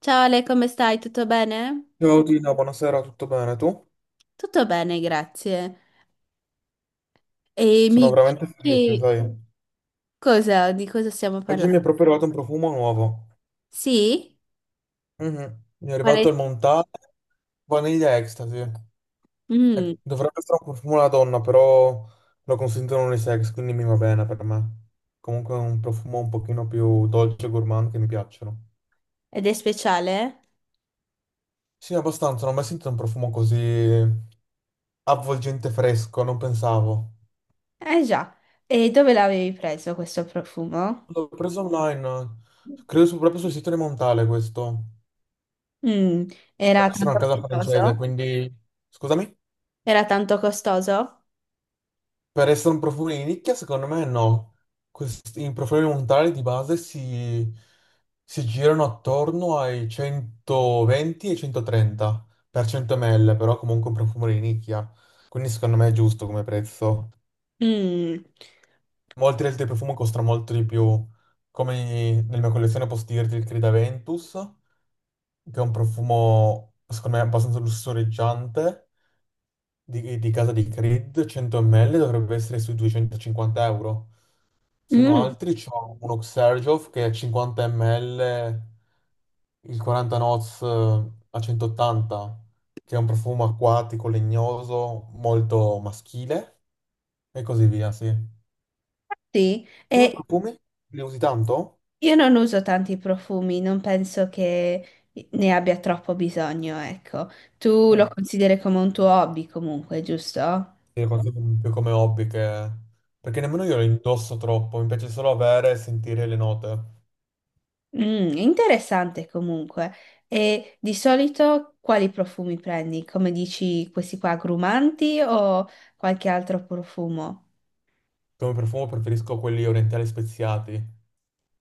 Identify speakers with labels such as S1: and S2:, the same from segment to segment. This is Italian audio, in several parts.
S1: Ciao Ale, come stai? Tutto bene?
S2: Ciao Tina, buonasera, tutto bene? Tu?
S1: Tutto bene, grazie. E
S2: Sono
S1: mi dici
S2: veramente felice,
S1: che
S2: sai.
S1: cosa, di cosa stiamo
S2: Oggi mi è
S1: parlando?
S2: proprio arrivato un profumo nuovo.
S1: Sì?
S2: Mhm. Mi è
S1: Qual
S2: arrivato
S1: è?
S2: il Montale Vaniglia Ecstasy.
S1: Mm,
S2: E dovrebbe essere un profumo alla donna, però lo consentono unisex, quindi mi va bene per me. Comunque è un profumo un pochino più dolce e gourmand che mi piacciono.
S1: ed è speciale?
S2: Sì, abbastanza, non ho mai sentito un profumo così avvolgente fresco, non pensavo.
S1: Eh già. E dove l'avevi preso questo profumo?
S2: L'ho preso online, credo proprio sul sito di Montale questo.
S1: Mm,
S2: Per
S1: era
S2: essere una
S1: tanto
S2: casa francese,
S1: costoso?
S2: quindi... Scusami?
S1: Era tanto costoso?
S2: Per essere un profumo di nicchia, secondo me no. Questi, i profumi montali di base si girano attorno ai 120 e 130 per 100 ml, però comunque un profumo di nicchia. Quindi secondo me è giusto come prezzo.
S1: Mm.
S2: Molti altri profumi costano molto di più. Come nella mia collezione posso dirti il Creed Aventus, che è un profumo, secondo me, abbastanza lussureggiante di casa di Creed 100 ml dovrebbe essere sui 250 euro. Se no
S1: Mm,
S2: altri c'è uno Xerjof che è 50 ml, il 40 Noz a 180, che è un profumo acquatico, legnoso, molto maschile e così via, sì.
S1: sì.
S2: Tu i
S1: E
S2: profumi li usi tanto?
S1: io non uso tanti profumi, non penso che ne abbia troppo bisogno, ecco. Tu
S2: Mm.
S1: lo consideri come un tuo hobby comunque, giusto?
S2: Li consumi più come hobby che... Perché nemmeno io li indosso troppo, mi piace solo avere e sentire le note.
S1: Mm, interessante comunque. E di solito quali profumi prendi? Come dici, questi qua agrumanti o qualche altro profumo?
S2: Come profumo preferisco quelli orientali speziati.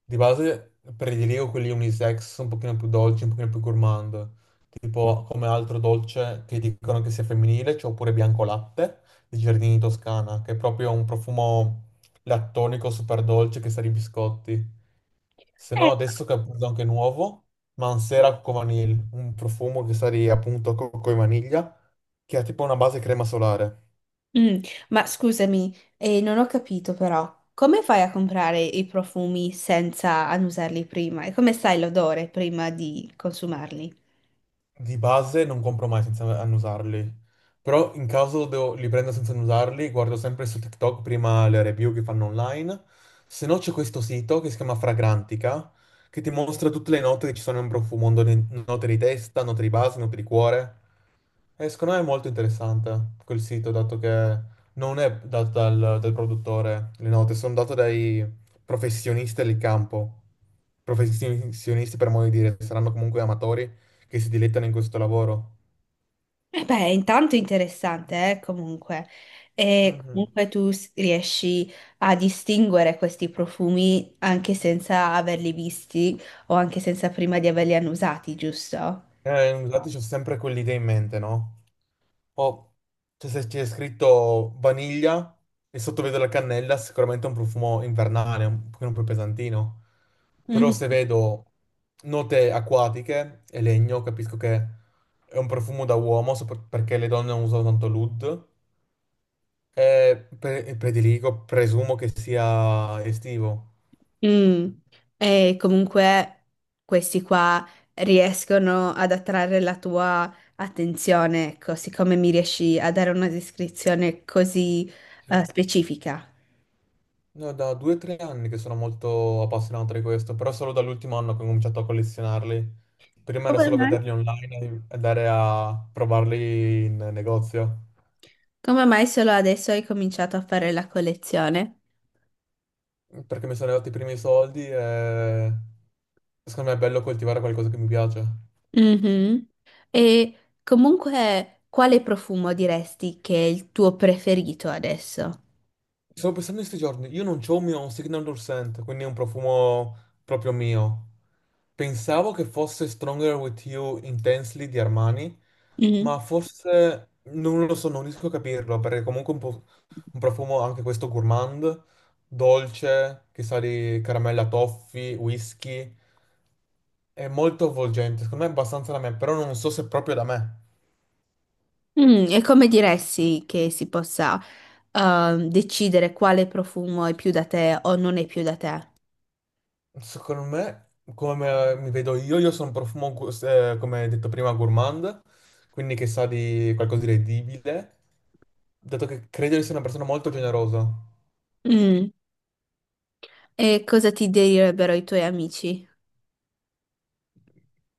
S2: Di base prediligo quelli unisex un pochino più dolci, un pochino più gourmand, tipo come altro dolce che dicono che sia femminile, c'è oppure bianco latte di Giardini Toscana, che è proprio un profumo lattonico super dolce che sa di biscotti. Se
S1: Eh,
S2: no adesso che appunto anche nuovo, Mansera Cocco Vanille, un profumo che sa di appunto cocco e vaniglia, che ha tipo una base crema solare.
S1: Mm, ma scusami, non ho capito però, come fai a comprare i profumi senza annusarli prima? E come sai l'odore prima di consumarli?
S2: Di base non compro mai senza annusarli, però in caso li prendo senza annusarli, guardo sempre su TikTok prima le review che fanno online, se no c'è questo sito che si chiama Fragrantica, che ti mostra tutte le note che ci sono in profumo, note di testa, note di base, note di cuore. E secondo me è molto interessante quel sito, dato che non è dato dal produttore le note, sono date dai professionisti del campo. Professionisti, per modo di dire, saranno comunque amatori che si dilettano in questo lavoro.
S1: Eh beh, intanto è interessante, comunque. E
S2: Mhm.
S1: comunque tu s- riesci a distinguere questi profumi anche senza averli visti o anche senza prima di averli annusati, giusto?
S2: Infatti c'ho sempre quell'idea in mente, no? Oh, cioè, se c'è scritto vaniglia e sotto vedo la cannella, sicuramente è un profumo invernale, un pochino più pesantino. Però
S1: Mhm.
S2: se vedo note acquatiche e legno, capisco che è un profumo da uomo, perché le donne non usano tanto l'oud, e prediligo, presumo che sia estivo.
S1: Mm. E comunque questi qua riescono ad attrarre la tua attenzione, ecco, siccome mi riesci a dare una descrizione così,
S2: Sì.
S1: specifica.
S2: No, da due o tre anni che sono molto appassionato di questo, però solo dall'ultimo anno che ho cominciato a collezionarli. Prima era
S1: Come
S2: solo
S1: mai?
S2: vederli online e andare a provarli in negozio,
S1: Come mai solo adesso hai cominciato a fare la collezione?
S2: perché mi sono arrivati i primi soldi e secondo me è bello coltivare qualcosa che mi piace.
S1: Mhm. E comunque, quale profumo diresti che è il tuo preferito adesso?
S2: Stavo pensando in questi giorni, io non c'ho un mio Signature Scent, quindi è un profumo proprio mio. Pensavo che fosse Stronger With You Intensely di Armani,
S1: Mhm.
S2: ma forse non lo so, non riesco a capirlo, perché comunque è un, un profumo anche questo gourmand, dolce, che sa di caramella toffee, whisky. È molto avvolgente, secondo me è abbastanza da me, però non so se è proprio da me.
S1: Mm, e come diresti che si possa decidere quale profumo è più da te o non è più da te?
S2: Secondo me, come mi vedo io sono un profumo, come detto prima, gourmand, quindi che sa di qualcosa di edibile, dato che credo di essere una persona molto generosa.
S1: Mm. E cosa ti direbbero i tuoi amici?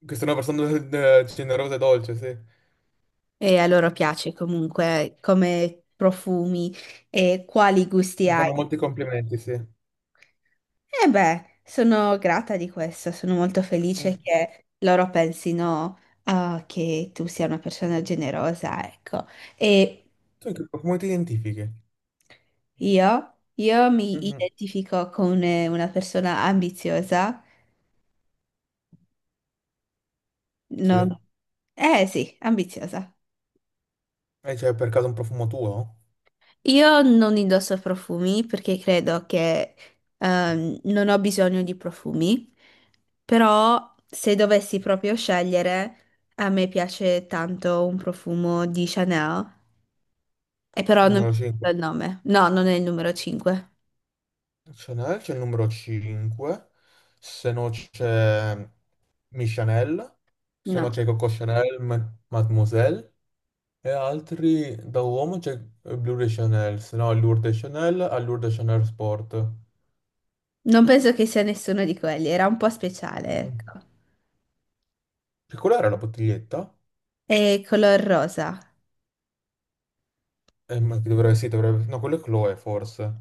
S2: Che sono una persona generosa e dolce, sì.
S1: E a loro piace comunque come profumi e quali gusti
S2: Mi
S1: hai?
S2: fanno molti complimenti, sì.
S1: E beh, sono grata di questo, sono molto
S2: Mm.
S1: felice che loro pensino, ah, che tu sia una persona generosa, ecco. E
S2: Tu in che profumo ti identifichi?
S1: io mi
S2: Mhm.
S1: identifico con una persona ambiziosa,
S2: Sì.
S1: non... Eh sì, ambiziosa.
S2: E c'è per caso un profumo tuo?
S1: Io non indosso profumi perché credo che non ho bisogno di profumi, però se dovessi proprio scegliere, a me piace tanto un profumo di Chanel. E però non mi
S2: Numero 5.
S1: ricordo il nome. No, non è il numero 5.
S2: Chanel, c'è il numero 5. Se no c'è Mi Chanel. Se no
S1: No.
S2: c'è Coco Chanel, Mademoiselle. E altri da uomo c'è Blue de Chanel. Se no Allure de Chanel, Allure de Chanel Sport.
S1: Non penso che sia nessuno di quelli. Era un po' speciale,
S2: Mm.
S1: ecco.
S2: Che quella era la bottiglietta?
S1: E color rosa.
S2: Ma che dovrebbe, sì, dovrebbe... No, quello è Chloe, forse.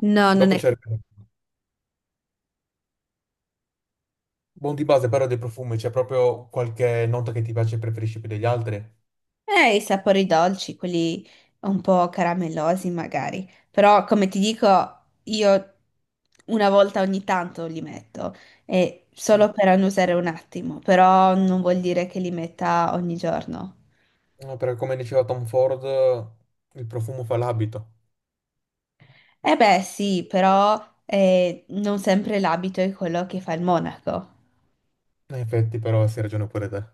S1: No, non
S2: Dopo
S1: è...
S2: c'è... Buon di base, però dei profumi, c'è proprio qualche nota che ti piace e preferisci più degli altri?
S1: I sapori dolci, quelli un po' caramellosi magari. Però, come ti dico, io una volta ogni tanto li metto. E solo per annusare un attimo. Però non vuol dire che li metta ogni giorno.
S2: No, perché come diceva Tom Ford, il profumo fa l'abito.
S1: Eh beh, sì, però non sempre l'abito è quello che fa il monaco.
S2: In effetti, però, sì, hai ragione pure te.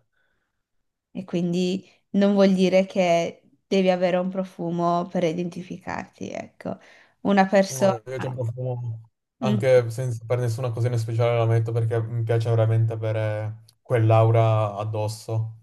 S1: E quindi non vuol dire che devi avere un profumo per identificarti, ecco. Una
S2: No,
S1: persona...
S2: io c'ho un profumo,
S1: Mm.
S2: anche senza, per nessuna occasione speciale la metto perché mi piace veramente avere quell'aura addosso.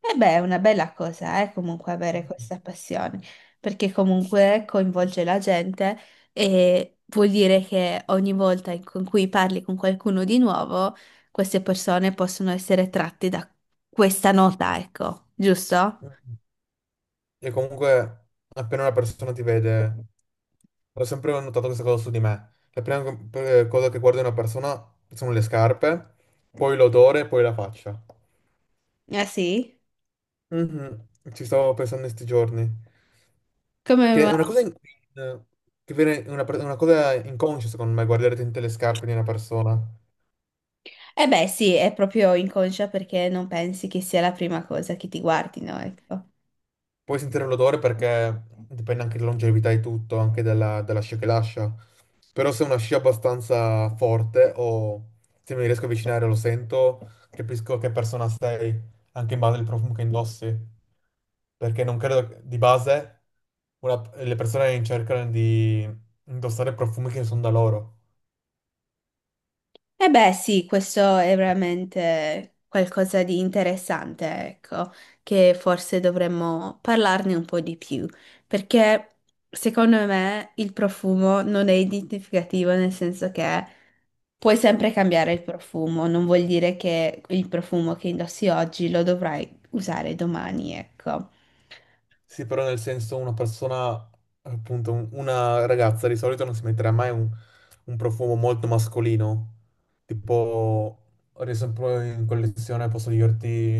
S1: E beh, è una bella cosa, comunque avere questa passione, perché comunque coinvolge la gente e vuol dire che ogni volta in con cui parli con qualcuno di nuovo, queste persone possono essere tratte da questa nota, ecco, giusto?
S2: E comunque, appena una persona ti vede, ho sempre notato questa cosa su di me. La prima cosa che guardo in una persona sono le scarpe, poi l'odore, poi la faccia.
S1: Ah sì?
S2: Mhm. Ci stavo pensando in questi giorni. Che
S1: Come
S2: è una cosa, è una, è una cosa inconscia, secondo me, guardare dentro le scarpe di una persona.
S1: eh beh, sì, è proprio inconscia perché non pensi che sia la prima cosa che ti guardino, ecco.
S2: Puoi sentire l'odore perché dipende anche dalla longevità e tutto, anche dalla scia che lascia. Però se è una scia abbastanza forte o se mi riesco a avvicinare lo sento, capisco che persona sei, anche in base al profumo che indossi. Perché non credo di base le persone cercano di indossare profumi che sono da loro.
S1: Eh beh, sì, questo è veramente qualcosa di interessante, ecco, che forse dovremmo parlarne un po' di più, perché secondo me il profumo non è identificativo nel senso che puoi sempre cambiare il profumo, non vuol dire che il profumo che indossi oggi lo dovrai usare domani, ecco.
S2: Sì, però nel senso una persona, appunto, una ragazza di solito non si metterà mai un profumo molto mascolino. Tipo, ad esempio in collezione posso dirti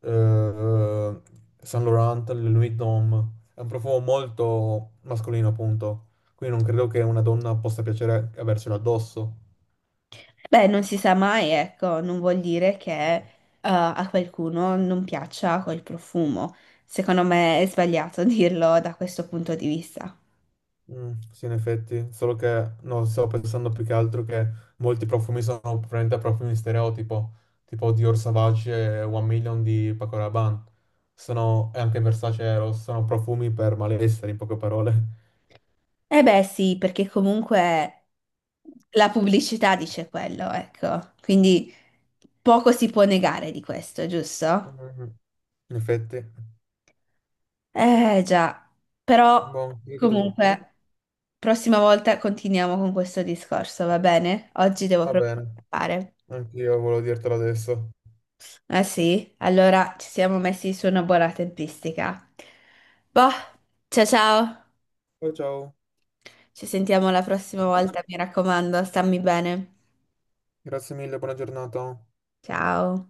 S2: eh, Saint Laurent, le Louis Vuitton. È un profumo molto mascolino, appunto. Quindi non credo che una donna possa piacere avercelo addosso.
S1: Beh, non si sa mai, ecco, non vuol dire che a qualcuno non piaccia quel profumo. Secondo me è sbagliato dirlo da questo punto di vista.
S2: Mm, sì, in effetti, solo che no, stavo pensando più che altro che molti profumi sono probabilmente profumi stereotipo, tipo Dior Sauvage e One Million di Paco Rabanne, sono, e anche Versace Eros, sono profumi per malessere, in poche parole.
S1: Eh beh, sì, perché comunque la pubblicità dice quello, ecco. Quindi poco si può negare di questo, giusto?
S2: Mhm. In effetti,
S1: Eh già, però
S2: boh, io che
S1: comunque prossima volta continuiamo con questo discorso, va bene? Oggi devo
S2: va
S1: proprio
S2: bene,
S1: scappare.
S2: anch'io volevo dirtelo adesso.
S1: Ah sì, allora ci siamo messi su una buona tempistica. Boh, ciao ciao,
S2: Ciao ciao,
S1: ci sentiamo la prossima volta, mi raccomando, stammi bene.
S2: grazie mille, buona giornata.
S1: Ciao.